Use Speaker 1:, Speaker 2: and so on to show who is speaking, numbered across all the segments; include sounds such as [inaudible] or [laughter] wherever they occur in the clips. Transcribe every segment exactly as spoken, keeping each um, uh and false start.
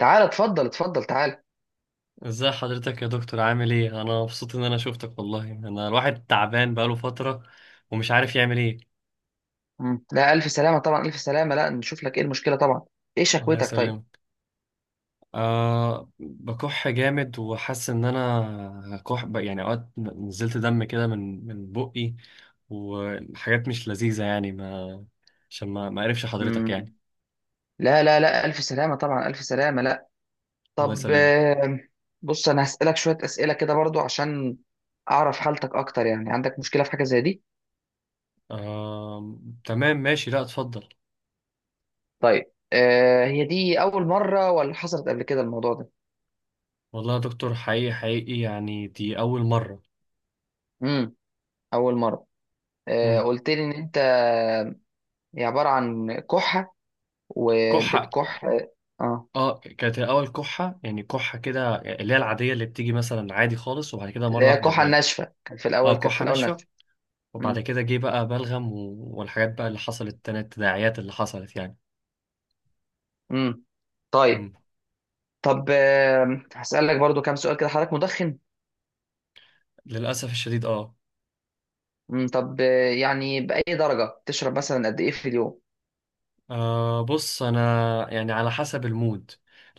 Speaker 1: تعالى اتفضل اتفضل تعالى.
Speaker 2: ازاي حضرتك يا دكتور؟ عامل ايه؟ انا مبسوط ان انا شفتك. والله، انا الواحد تعبان بقاله فترة ومش عارف يعمل ايه.
Speaker 1: مم. لا، الف سلامه طبعا، الف سلامه، لا نشوف لك ايه المشكله طبعا. ايه
Speaker 2: الله
Speaker 1: شكوتك؟ طيب.
Speaker 2: يسلمك. أه، بكح جامد وحاسس ان انا كح ب- يعني اوقات نزلت دم كده من من بقي، وحاجات مش لذيذة يعني ما عشان ما ما اعرفش حضرتك يعني.
Speaker 1: امم. لا لا لا، الف سلامه طبعا، الف سلامه، لا.
Speaker 2: الله
Speaker 1: طب،
Speaker 2: يسلمك.
Speaker 1: آم، بص انا هسالك شويه اسئله كده برضو عشان اعرف حالتك اكتر، يعني عندك مشكله في حاجه زي دي؟
Speaker 2: أه، تمام، ماشي، لا اتفضل.
Speaker 1: طيب. آه هي دي اول مره ولا حصلت قبل كده الموضوع ده؟
Speaker 2: والله يا دكتور، حقيقي حقيقي، يعني دي اول مرة.
Speaker 1: امم. اول مره. آه
Speaker 2: مم.
Speaker 1: قلت لي ان انت هي عباره عن كحه
Speaker 2: كحة.
Speaker 1: وبتكح. اه
Speaker 2: اه، كانت الاول كحه يعني كحه كده اللي هي العاديه اللي بتيجي مثلا عادي خالص، وبعد كده
Speaker 1: اللي
Speaker 2: مره
Speaker 1: هي
Speaker 2: واحده
Speaker 1: كحه
Speaker 2: بقت.
Speaker 1: ناشفه، كان في الاول
Speaker 2: اه،
Speaker 1: كانت في
Speaker 2: كحه
Speaker 1: الاول
Speaker 2: ناشفه.
Speaker 1: ناشفه.
Speaker 2: وبعد
Speaker 1: مم.
Speaker 2: كده جه بقى بلغم و... والحاجات بقى اللي حصلت، تاني التداعيات اللي حصلت يعني.
Speaker 1: مم. طيب.
Speaker 2: مم.
Speaker 1: طب، آم، هسألك برضو كام سؤال كده، حضرتك مدخن؟
Speaker 2: للاسف الشديد، اه.
Speaker 1: مم. طب، آه، يعني بأي درجة تشرب مثلا؟ قد إيه في اليوم؟
Speaker 2: آه بص، انا يعني على حسب المود.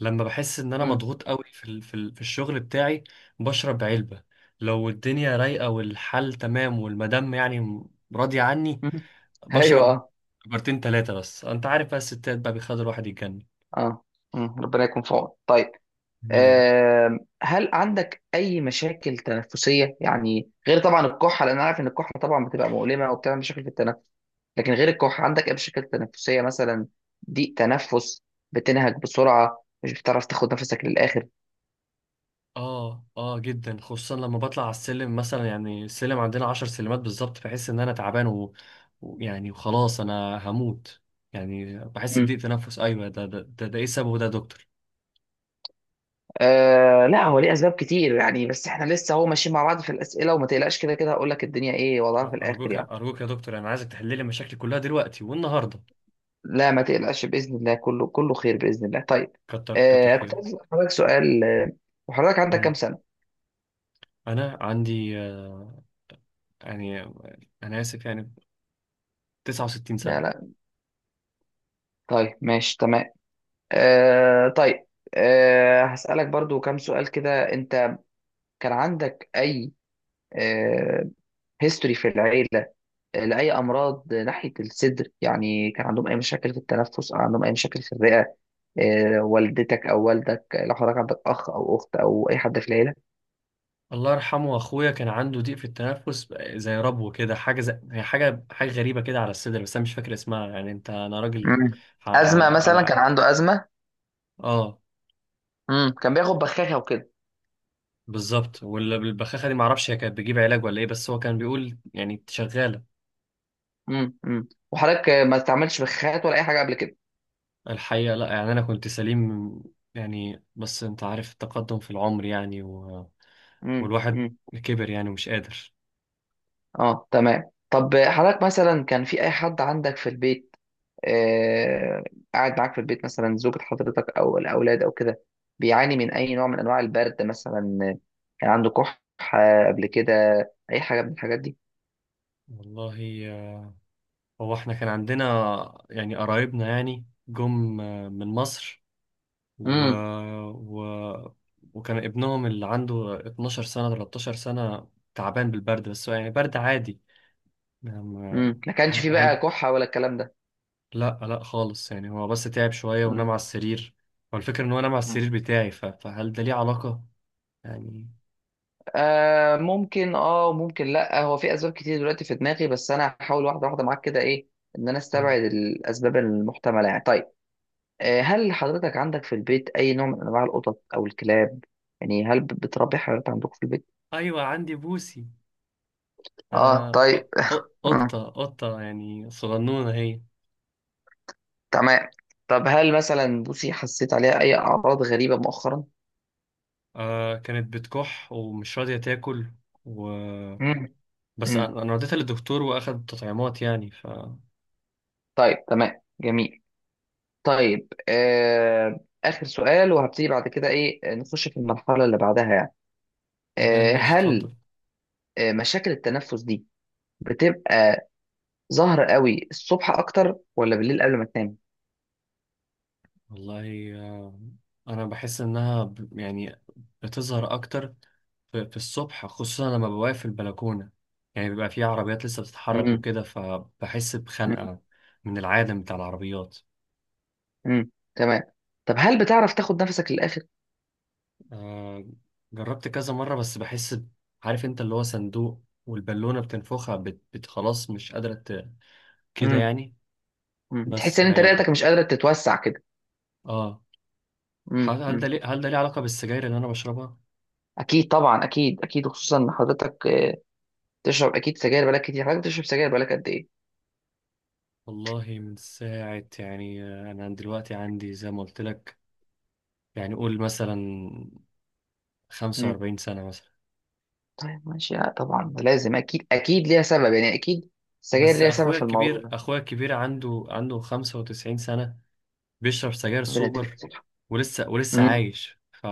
Speaker 2: لما بحس ان انا
Speaker 1: مم.
Speaker 2: مضغوط قوي في ال... في ال... في الشغل بتاعي. بشرب علبه. لو الدنيا رايقه والحال تمام والمدام يعني راضيه عني،
Speaker 1: مم. [laughs] أيوه،
Speaker 2: بشرب
Speaker 1: أه.
Speaker 2: كبرتين تلاتة. بس انت عارف بقى، الستات بقى بيخلي الواحد يتجنن.
Speaker 1: أه. مم. ربنا يكون في عونك. طيب.
Speaker 2: مين يا رب؟
Speaker 1: آم، هل عندك أي مشاكل تنفسية، يعني غير طبعا الكحة، لأن أنا عارف إن الكحة طبعا بتبقى مؤلمة وبتعمل مشاكل في التنفس؟ لكن غير الكحة، عندك أي مشاكل تنفسية مثلا؟ ضيق تنفس؟ بتنهج بسرعة، مش بتعرف تاخد نفسك للآخر؟
Speaker 2: اه، اه، جدا، خصوصا لما بطلع على السلم مثلا، يعني السلم عندنا عشر سلمات بالظبط بحس ان انا تعبان و... ويعني وخلاص انا هموت، يعني بحس بضيق تنفس. ايوه، ده ده ده, ده ايه سببه ده يا دكتور؟
Speaker 1: آه لا، هو ليه اسباب كتير يعني، بس احنا لسه هو ماشيين مع بعض في الاسئله، وما تقلقش، كده كده هقول لك الدنيا ايه وضعها في
Speaker 2: آه،
Speaker 1: الاخر
Speaker 2: ارجوك
Speaker 1: يعني.
Speaker 2: ارجوك يا دكتور، انا عايزك تحل لي مشاكلي كلها دلوقتي والنهارده.
Speaker 1: لا ما تقلقش، باذن الله كله كله خير باذن الله. طيب.
Speaker 2: كتر كتر
Speaker 1: آه كنت
Speaker 2: خيرك.
Speaker 1: عايز اسال حضرتك سؤال، آه، وحضرتك عندك كام
Speaker 2: مم.
Speaker 1: سنه؟
Speaker 2: انا عندي آه، يعني آه، انا اسف يعني تسعة وستين
Speaker 1: لا
Speaker 2: سنة.
Speaker 1: لا. طيب، ماشي، تمام. آه طيب. آه هسالك برضو كام سؤال كده، انت كان عندك اي آه هيستوري في العيله لاي امراض ناحيه الصدر، يعني كان عندهم اي مشاكل في التنفس او عندهم اي مشاكل في الرئه؟ آه، والدتك او والدك، لو حضرتك عندك اخ او اخت او اي حد في العيله.
Speaker 2: الله يرحمه، اخويا كان عنده ضيق في التنفس بقى، زي ربو كده، حاجه زي هي، حاجه حاجه غريبه كده على الصدر، بس انا مش فاكر اسمها يعني، انت انا راجل
Speaker 1: مم.
Speaker 2: ع- على
Speaker 1: ازمه مثلا؟ كان
Speaker 2: على
Speaker 1: عنده ازمه؟
Speaker 2: اه
Speaker 1: مم. كان بياخد بخاخه وكده؟
Speaker 2: بالظبط. والبخاخه دي، معرفش هي كانت بتجيب علاج ولا ايه، بس هو كان بيقول يعني شغاله.
Speaker 1: مم. مم. وحضرتك آه، ما استعملش بخاخات ولا اي حاجه قبل كده؟
Speaker 2: الحقيقه لا، يعني انا كنت سليم يعني، بس انت عارف التقدم في العمر يعني و...
Speaker 1: مم.
Speaker 2: والواحد
Speaker 1: مم.
Speaker 2: كبر يعني، ومش قادر.
Speaker 1: اه، تمام. طب، آه، حضرتك مثلا كان في اي حد عندك في البيت، آه، قاعد معاك في البيت، مثلا زوجة حضرتك أو الأولاد أو كده، بيعاني من أي نوع من أنواع البرد مثلا، آه، كان عنده كحة قبل كده؟ أي حاجة من الحاجات دي؟
Speaker 2: والله، آه، هو احنا كان عندنا يعني قرايبنا يعني، جم آه، من مصر و...
Speaker 1: امم
Speaker 2: و... وكان ابنهم اللي عنده اتناشر سنة تلتاشر سنة تعبان بالبرد، بس هو يعني برد عادي يعني ما-
Speaker 1: امم ما كانش
Speaker 2: ه-
Speaker 1: فيه
Speaker 2: هل
Speaker 1: بقى كحة ولا الكلام ده؟
Speaker 2: لا لا خالص، يعني هو بس تعب شوية ونام
Speaker 1: امم
Speaker 2: على السرير. هو الفكرة ان هو نام على السرير بتاعي، ف... فهل ده ليه علاقة يعني؟
Speaker 1: آه ممكن، اه، وممكن لا. هو في أسباب كتير دلوقتي في دماغي، بس أنا هحاول واحدة واحدة معاك كده، إيه إن أنا
Speaker 2: مم.
Speaker 1: أستبعد الأسباب المحتملة يعني. طيب، آه، هل حضرتك عندك في البيت أي نوع من أنواع القطط أو الكلاب؟ يعني هل بتربي حيوانات عندكم في البيت؟
Speaker 2: ايوه، عندي بوسي.
Speaker 1: اه،
Speaker 2: انا ق-
Speaker 1: طيب. [laughs]
Speaker 2: ق-
Speaker 1: آه.
Speaker 2: قطة قطة يعني صغنونة هي.
Speaker 1: تمام. طب هل مثلا بوسي حسيت عليها اي اعراض غريبة مؤخرا؟
Speaker 2: آه، كانت بتكح ومش راضية تاكل و...
Speaker 1: مم.
Speaker 2: بس
Speaker 1: مم.
Speaker 2: انا أنا وديتها للدكتور، واخد تطعيمات يعني.
Speaker 1: طيب، تمام، جميل. طيب، آه آخر سؤال وهبتدي بعد كده، إيه نخش في المرحلة اللي بعدها يعني.
Speaker 2: تمام،
Speaker 1: آه
Speaker 2: ماشي،
Speaker 1: هل
Speaker 2: اتفضل.
Speaker 1: آه مشاكل التنفس دي بتبقى ظاهرة قوي الصبح أكتر ولا بالليل قبل ما تنام؟
Speaker 2: والله، آه، انا بحس انها ب- يعني بتظهر اكتر في في الصبح، خصوصا لما بوقف في البلكونه، يعني بيبقى في عربيات لسه بتتحرك
Speaker 1: مم.
Speaker 2: وكده فبحس
Speaker 1: مم.
Speaker 2: بخنقه من العالم بتاع العربيات.
Speaker 1: مم. تمام. طب هل بتعرف تاخد نفسك للآخر؟
Speaker 2: آه، جربت كذا مره بس بحس ب- عارف انت اللي هو صندوق والبالونه بتنفخها بت بت- خلاص مش قادره ت- كده
Speaker 1: مم.
Speaker 2: يعني.
Speaker 1: مم. تحس
Speaker 2: بس
Speaker 1: إن أنت رئتك
Speaker 2: هي،
Speaker 1: مش قادرة تتوسع كده؟
Speaker 2: اه.
Speaker 1: مم.
Speaker 2: هل هل ده
Speaker 1: مم.
Speaker 2: ليه هل ده ليه علاقه بالسجاير اللي انا بشربها؟
Speaker 1: اكيد طبعا، اكيد اكيد، وخصوصا ان حضرتك آه، بتشرب اكيد سجاير بقالك كتير. حضرتك بتشرب سجاير بقالك قد ايه؟
Speaker 2: والله، من ساعة يعني، أنا دلوقتي عندي زي ما قلت لك، يعني قول مثلا خمسة
Speaker 1: مم.
Speaker 2: وأربعين سنة مثلا.
Speaker 1: طيب، ماشي. لا طبعا ده لازم، اكيد اكيد ليها سبب يعني، اكيد السجاير
Speaker 2: بس
Speaker 1: ليها سبب
Speaker 2: أخويا
Speaker 1: في الموضوع
Speaker 2: الكبير
Speaker 1: ده.
Speaker 2: أخويا الكبير عنده عنده خمسة وتسعين سنة، بيشرب سجاير
Speaker 1: ربنا يديك
Speaker 2: سوبر،
Speaker 1: الصحة.
Speaker 2: ولسه ولسه
Speaker 1: مم.
Speaker 2: عايش ف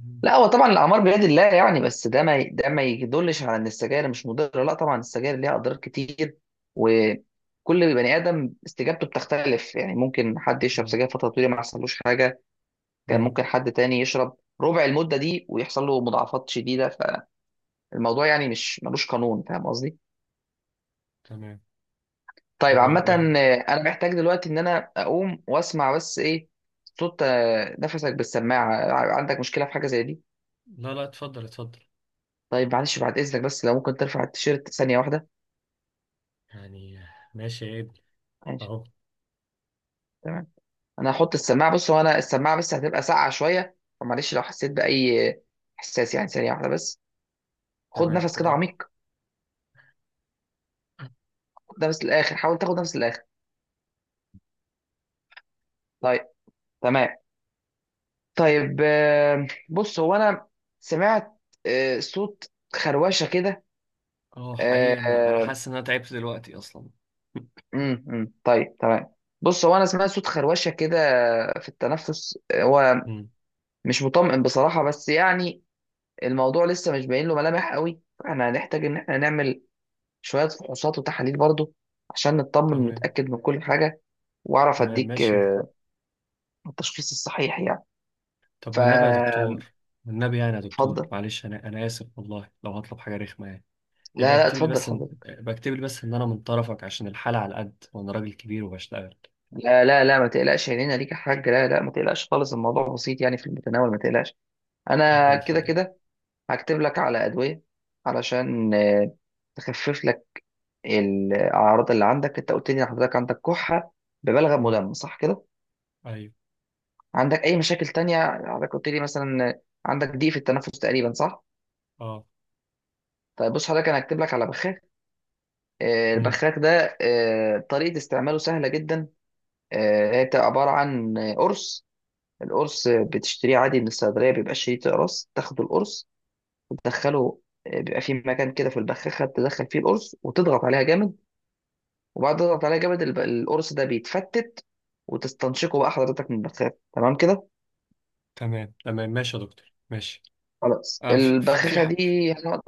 Speaker 2: مم.
Speaker 1: لا هو طبعا الاعمار بيد الله يعني، بس ده ما ده ما يدلش على ان السجاير مش مضره، لا طبعا السجاير ليها اضرار كتير. وكل بني ادم استجابته بتختلف، يعني ممكن حد يشرب سجاير فتره طويله ما يحصلوش حاجه، كان
Speaker 2: مم.
Speaker 1: ممكن حد تاني يشرب ربع المده دي ويحصل له مضاعفات شديده. الموضوع يعني مش ملوش قانون، فاهم قصدي؟
Speaker 2: تمام.
Speaker 1: طيب
Speaker 2: طب وال...
Speaker 1: عامة،
Speaker 2: وال...
Speaker 1: آه، انا محتاج دلوقتي ان انا اقوم واسمع بس ايه صوت آه، نفسك بالسماعة، آه، عندك مشكلة في حاجة زي دي؟
Speaker 2: لا لا، اتفضل اتفضل.
Speaker 1: طيب، معلش بعد اذنك، بس لو ممكن ترفع التيشيرت ثانية واحدة.
Speaker 2: يعني ماشي يا ابني.
Speaker 1: ماشي.
Speaker 2: أهو.
Speaker 1: تمام. انا هحط السماعة، بص هو انا السماعة بس هتبقى ساقعة شوية، فمعلش لو حسيت بأي آه، احساس يعني، ثانية واحدة بس. خد
Speaker 2: تمام،
Speaker 1: نفس
Speaker 2: خد
Speaker 1: كده
Speaker 2: وقتك.
Speaker 1: عميق. خد نفس للآخر، حاول تاخد نفس للآخر. طيب. تمام. طيب، آه، بص هو انا سمعت آه، صوت خروشة كده
Speaker 2: اه، حقيقي، أنا أنا
Speaker 1: آه،
Speaker 2: حاسس إن أنا تعبت دلوقتي أصلا.
Speaker 1: أمم، أمم. طيب، تمام. بص هو انا سمعت صوت خروشه كده في التنفس، هو
Speaker 2: مم.
Speaker 1: مش مطمئن بصراحه، بس يعني الموضوع لسه مش باين له ملامح قوي، فاحنا هنحتاج ان احنا نعمل شويه فحوصات وتحاليل برضو عشان نطمن
Speaker 2: تمام
Speaker 1: ونتاكد من كل حاجه، واعرف
Speaker 2: تمام،
Speaker 1: اديك
Speaker 2: ماشي.
Speaker 1: آه، التشخيص الصحيح يعني.
Speaker 2: طب والنبي يا
Speaker 1: فاتفضل.
Speaker 2: دكتور، والنبي يعني يا دكتور، معلش، انا انا اسف والله لو هطلب حاجه رخمه يعني. يبقى
Speaker 1: لا لا،
Speaker 2: اكتب لي
Speaker 1: اتفضل
Speaker 2: بس إن-
Speaker 1: حضرتك.
Speaker 2: يبقى اكتب لي بس ان انا من طرفك، عشان الحاله على قد وانا راجل كبير وبشتغل.
Speaker 1: لا لا لا، ما تقلقش، عينينا ليك يا حاج، لا لا، ما تقلقش خالص، الموضوع بسيط يعني في المتناول، ما تقلقش. انا
Speaker 2: ربنا
Speaker 1: كده
Speaker 2: يخليك.
Speaker 1: كده هكتب لك على أدوية علشان آه، تخفف لك الأعراض اللي عندك. أنت قلت لي إن حضرتك عندك كحة ببلغم
Speaker 2: امم.
Speaker 1: مدمر، صح كده؟
Speaker 2: ايوه.
Speaker 1: عندك أي مشاكل تانية؟ حضرتك قلت لي مثلا آه، عندك ضيق في التنفس تقريبا، صح؟
Speaker 2: اه.
Speaker 1: طيب بص حضرتك، أنا هكتب لك على بخاخ. آه،
Speaker 2: امم.
Speaker 1: البخاخ ده آه، طريقة استعماله سهلة جدا. آه، هي بتبقى عبارة عن آه، قرص. القرص آه، بتشتريه عادي من الصيدلية، بيبقى شريط قرص، تاخد القرص وتدخله، آه، بيبقى في مكان كده في البخاخة تدخل فيه القرص وتضغط عليها جامد. وبعد ما تقطع عليها جامد الب- القرص ده بيتفتت، وتستنشقه بقى حضرتك من البخاخة، تمام كده.
Speaker 2: تمام تمام، ماشي يا دكتور، ماشي.
Speaker 1: خلاص،
Speaker 2: آه في في في
Speaker 1: البخاخة
Speaker 2: ح-
Speaker 1: دي هنقعد.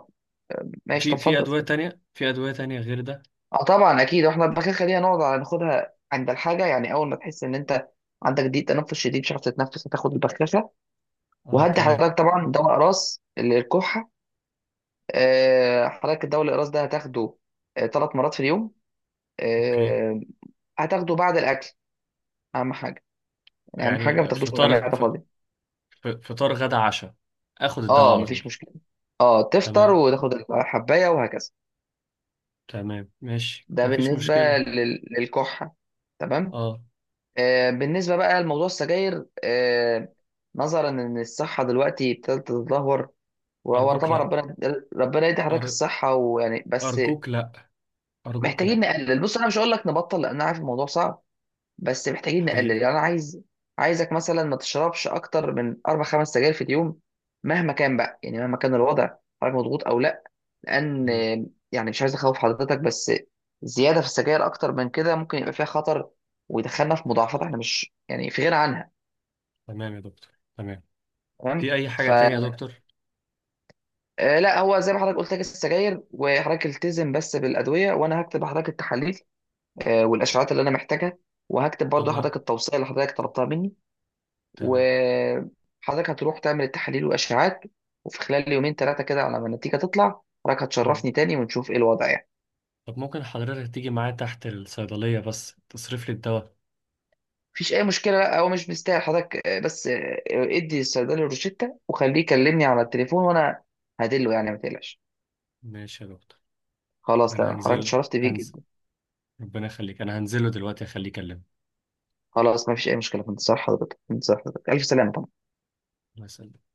Speaker 1: ماشي طب،
Speaker 2: في في
Speaker 1: اتفضل
Speaker 2: ادويه
Speaker 1: اتفضل.
Speaker 2: تانية في ادويه تانية غير ده؟
Speaker 1: اه طبعا اكيد، واحنا البخاخة دي هنقعد على ناخدها عند الحاجة، يعني اول ما تحس ان انت عندك ضيق تنفس شديد مش عارف تتنفس هتاخد البخاخة.
Speaker 2: اه،
Speaker 1: وهدي
Speaker 2: تمام.
Speaker 1: حضرتك طبعا دواء اقراص للكحة، آه، حضرتك الدواء الاقراص ده هتاخده ثلاث مرات في اليوم،
Speaker 2: اوكي.
Speaker 1: آه، هتاخده بعد الاكل. اهم حاجة، يعني اهم
Speaker 2: يعني
Speaker 1: حاجة ما
Speaker 2: آه،
Speaker 1: تاخدوش ولا
Speaker 2: فطار
Speaker 1: معدة
Speaker 2: ف-
Speaker 1: خالص.
Speaker 2: ف- فطار غدا عشاء، اخد الدواء
Speaker 1: اه
Speaker 2: على طول.
Speaker 1: مفيش مشكله. اه تفطر
Speaker 2: تمام
Speaker 1: وتاخد الحبايه وهكذا.
Speaker 2: تمام، ماشي،
Speaker 1: ده
Speaker 2: مفيش
Speaker 1: بالنسبه
Speaker 2: مشكله.
Speaker 1: لل... للكحه. تمام.
Speaker 2: اه.
Speaker 1: آه بالنسبه بقى لموضوع السجاير آه نظرا ان الصحه دلوقتي ابتدت تتدهور، وهو
Speaker 2: ارجوك
Speaker 1: طبعا
Speaker 2: لا.
Speaker 1: ربنا ربنا يدي حضرتك
Speaker 2: أر-
Speaker 1: الصحه ويعني، بس
Speaker 2: أرجوك لأ، أرجوك
Speaker 1: محتاجين
Speaker 2: لأ.
Speaker 1: نقلل. بص انا مش هقول لك نبطل لان انا عارف الموضوع صعب، بس محتاجين نقلل.
Speaker 2: حقيقي.
Speaker 1: يعني انا عايز عايزك مثلا ما تشربش اكتر من اربع خمس سجاير في اليوم، مهما كان بقى، يعني مهما كان الوضع، حضرتك مضغوط او لا. لان
Speaker 2: مم.
Speaker 1: يعني مش عايز اخوف حضرتك، بس زياده في السجاير اكتر من كده ممكن يبقى فيها خطر ويدخلنا في مضاعفات احنا مش يعني في غنى عنها.
Speaker 2: تمام يا دكتور، تمام. في
Speaker 1: تمام.
Speaker 2: أي
Speaker 1: ف
Speaker 2: حاجة تانية يا دكتور؟
Speaker 1: آه، لا هو زي ما حضرتك قلت لك السجاير، وحضرتك التزم بس بالادويه، وانا هكتب لحضرتك التحاليل آه، والاشعاعات اللي انا محتاجها، وهكتب
Speaker 2: طب
Speaker 1: برضو
Speaker 2: ما
Speaker 1: حضرتك التوصيه اللي حضرتك طلبتها مني.
Speaker 2: تمام.
Speaker 1: وحضرتك هتروح تعمل التحاليل والاشعاعات، وفي خلال يومين ثلاثه كده على ما النتيجه تطلع حضرتك
Speaker 2: مم.
Speaker 1: هتشرفني تاني ونشوف ايه الوضع يعني.
Speaker 2: طب، ممكن حضرتك تيجي معايا تحت الصيدلية بس تصرف لي الدواء؟
Speaker 1: مفيش اي مشكله، لا هو مش مستاهل حضرتك، آه، بس آه، ادي الصيدلي الروشتة وخليه يكلمني على التليفون وانا هدله يعني، ما تقلقش.
Speaker 2: ماشي يا دكتور.
Speaker 1: خلاص
Speaker 2: أنا
Speaker 1: تمام، حضرتك
Speaker 2: هنزل
Speaker 1: اتشرفت بيك
Speaker 2: هنزل
Speaker 1: جدا.
Speaker 2: ربنا يخليك، أنا هنزله دلوقتي أخليه يكلمك.
Speaker 1: خلاص مفيش اي مشكله، في انتظار حضرتك، في انتظار حضرتك، الف سلامه.
Speaker 2: الله يسلمك.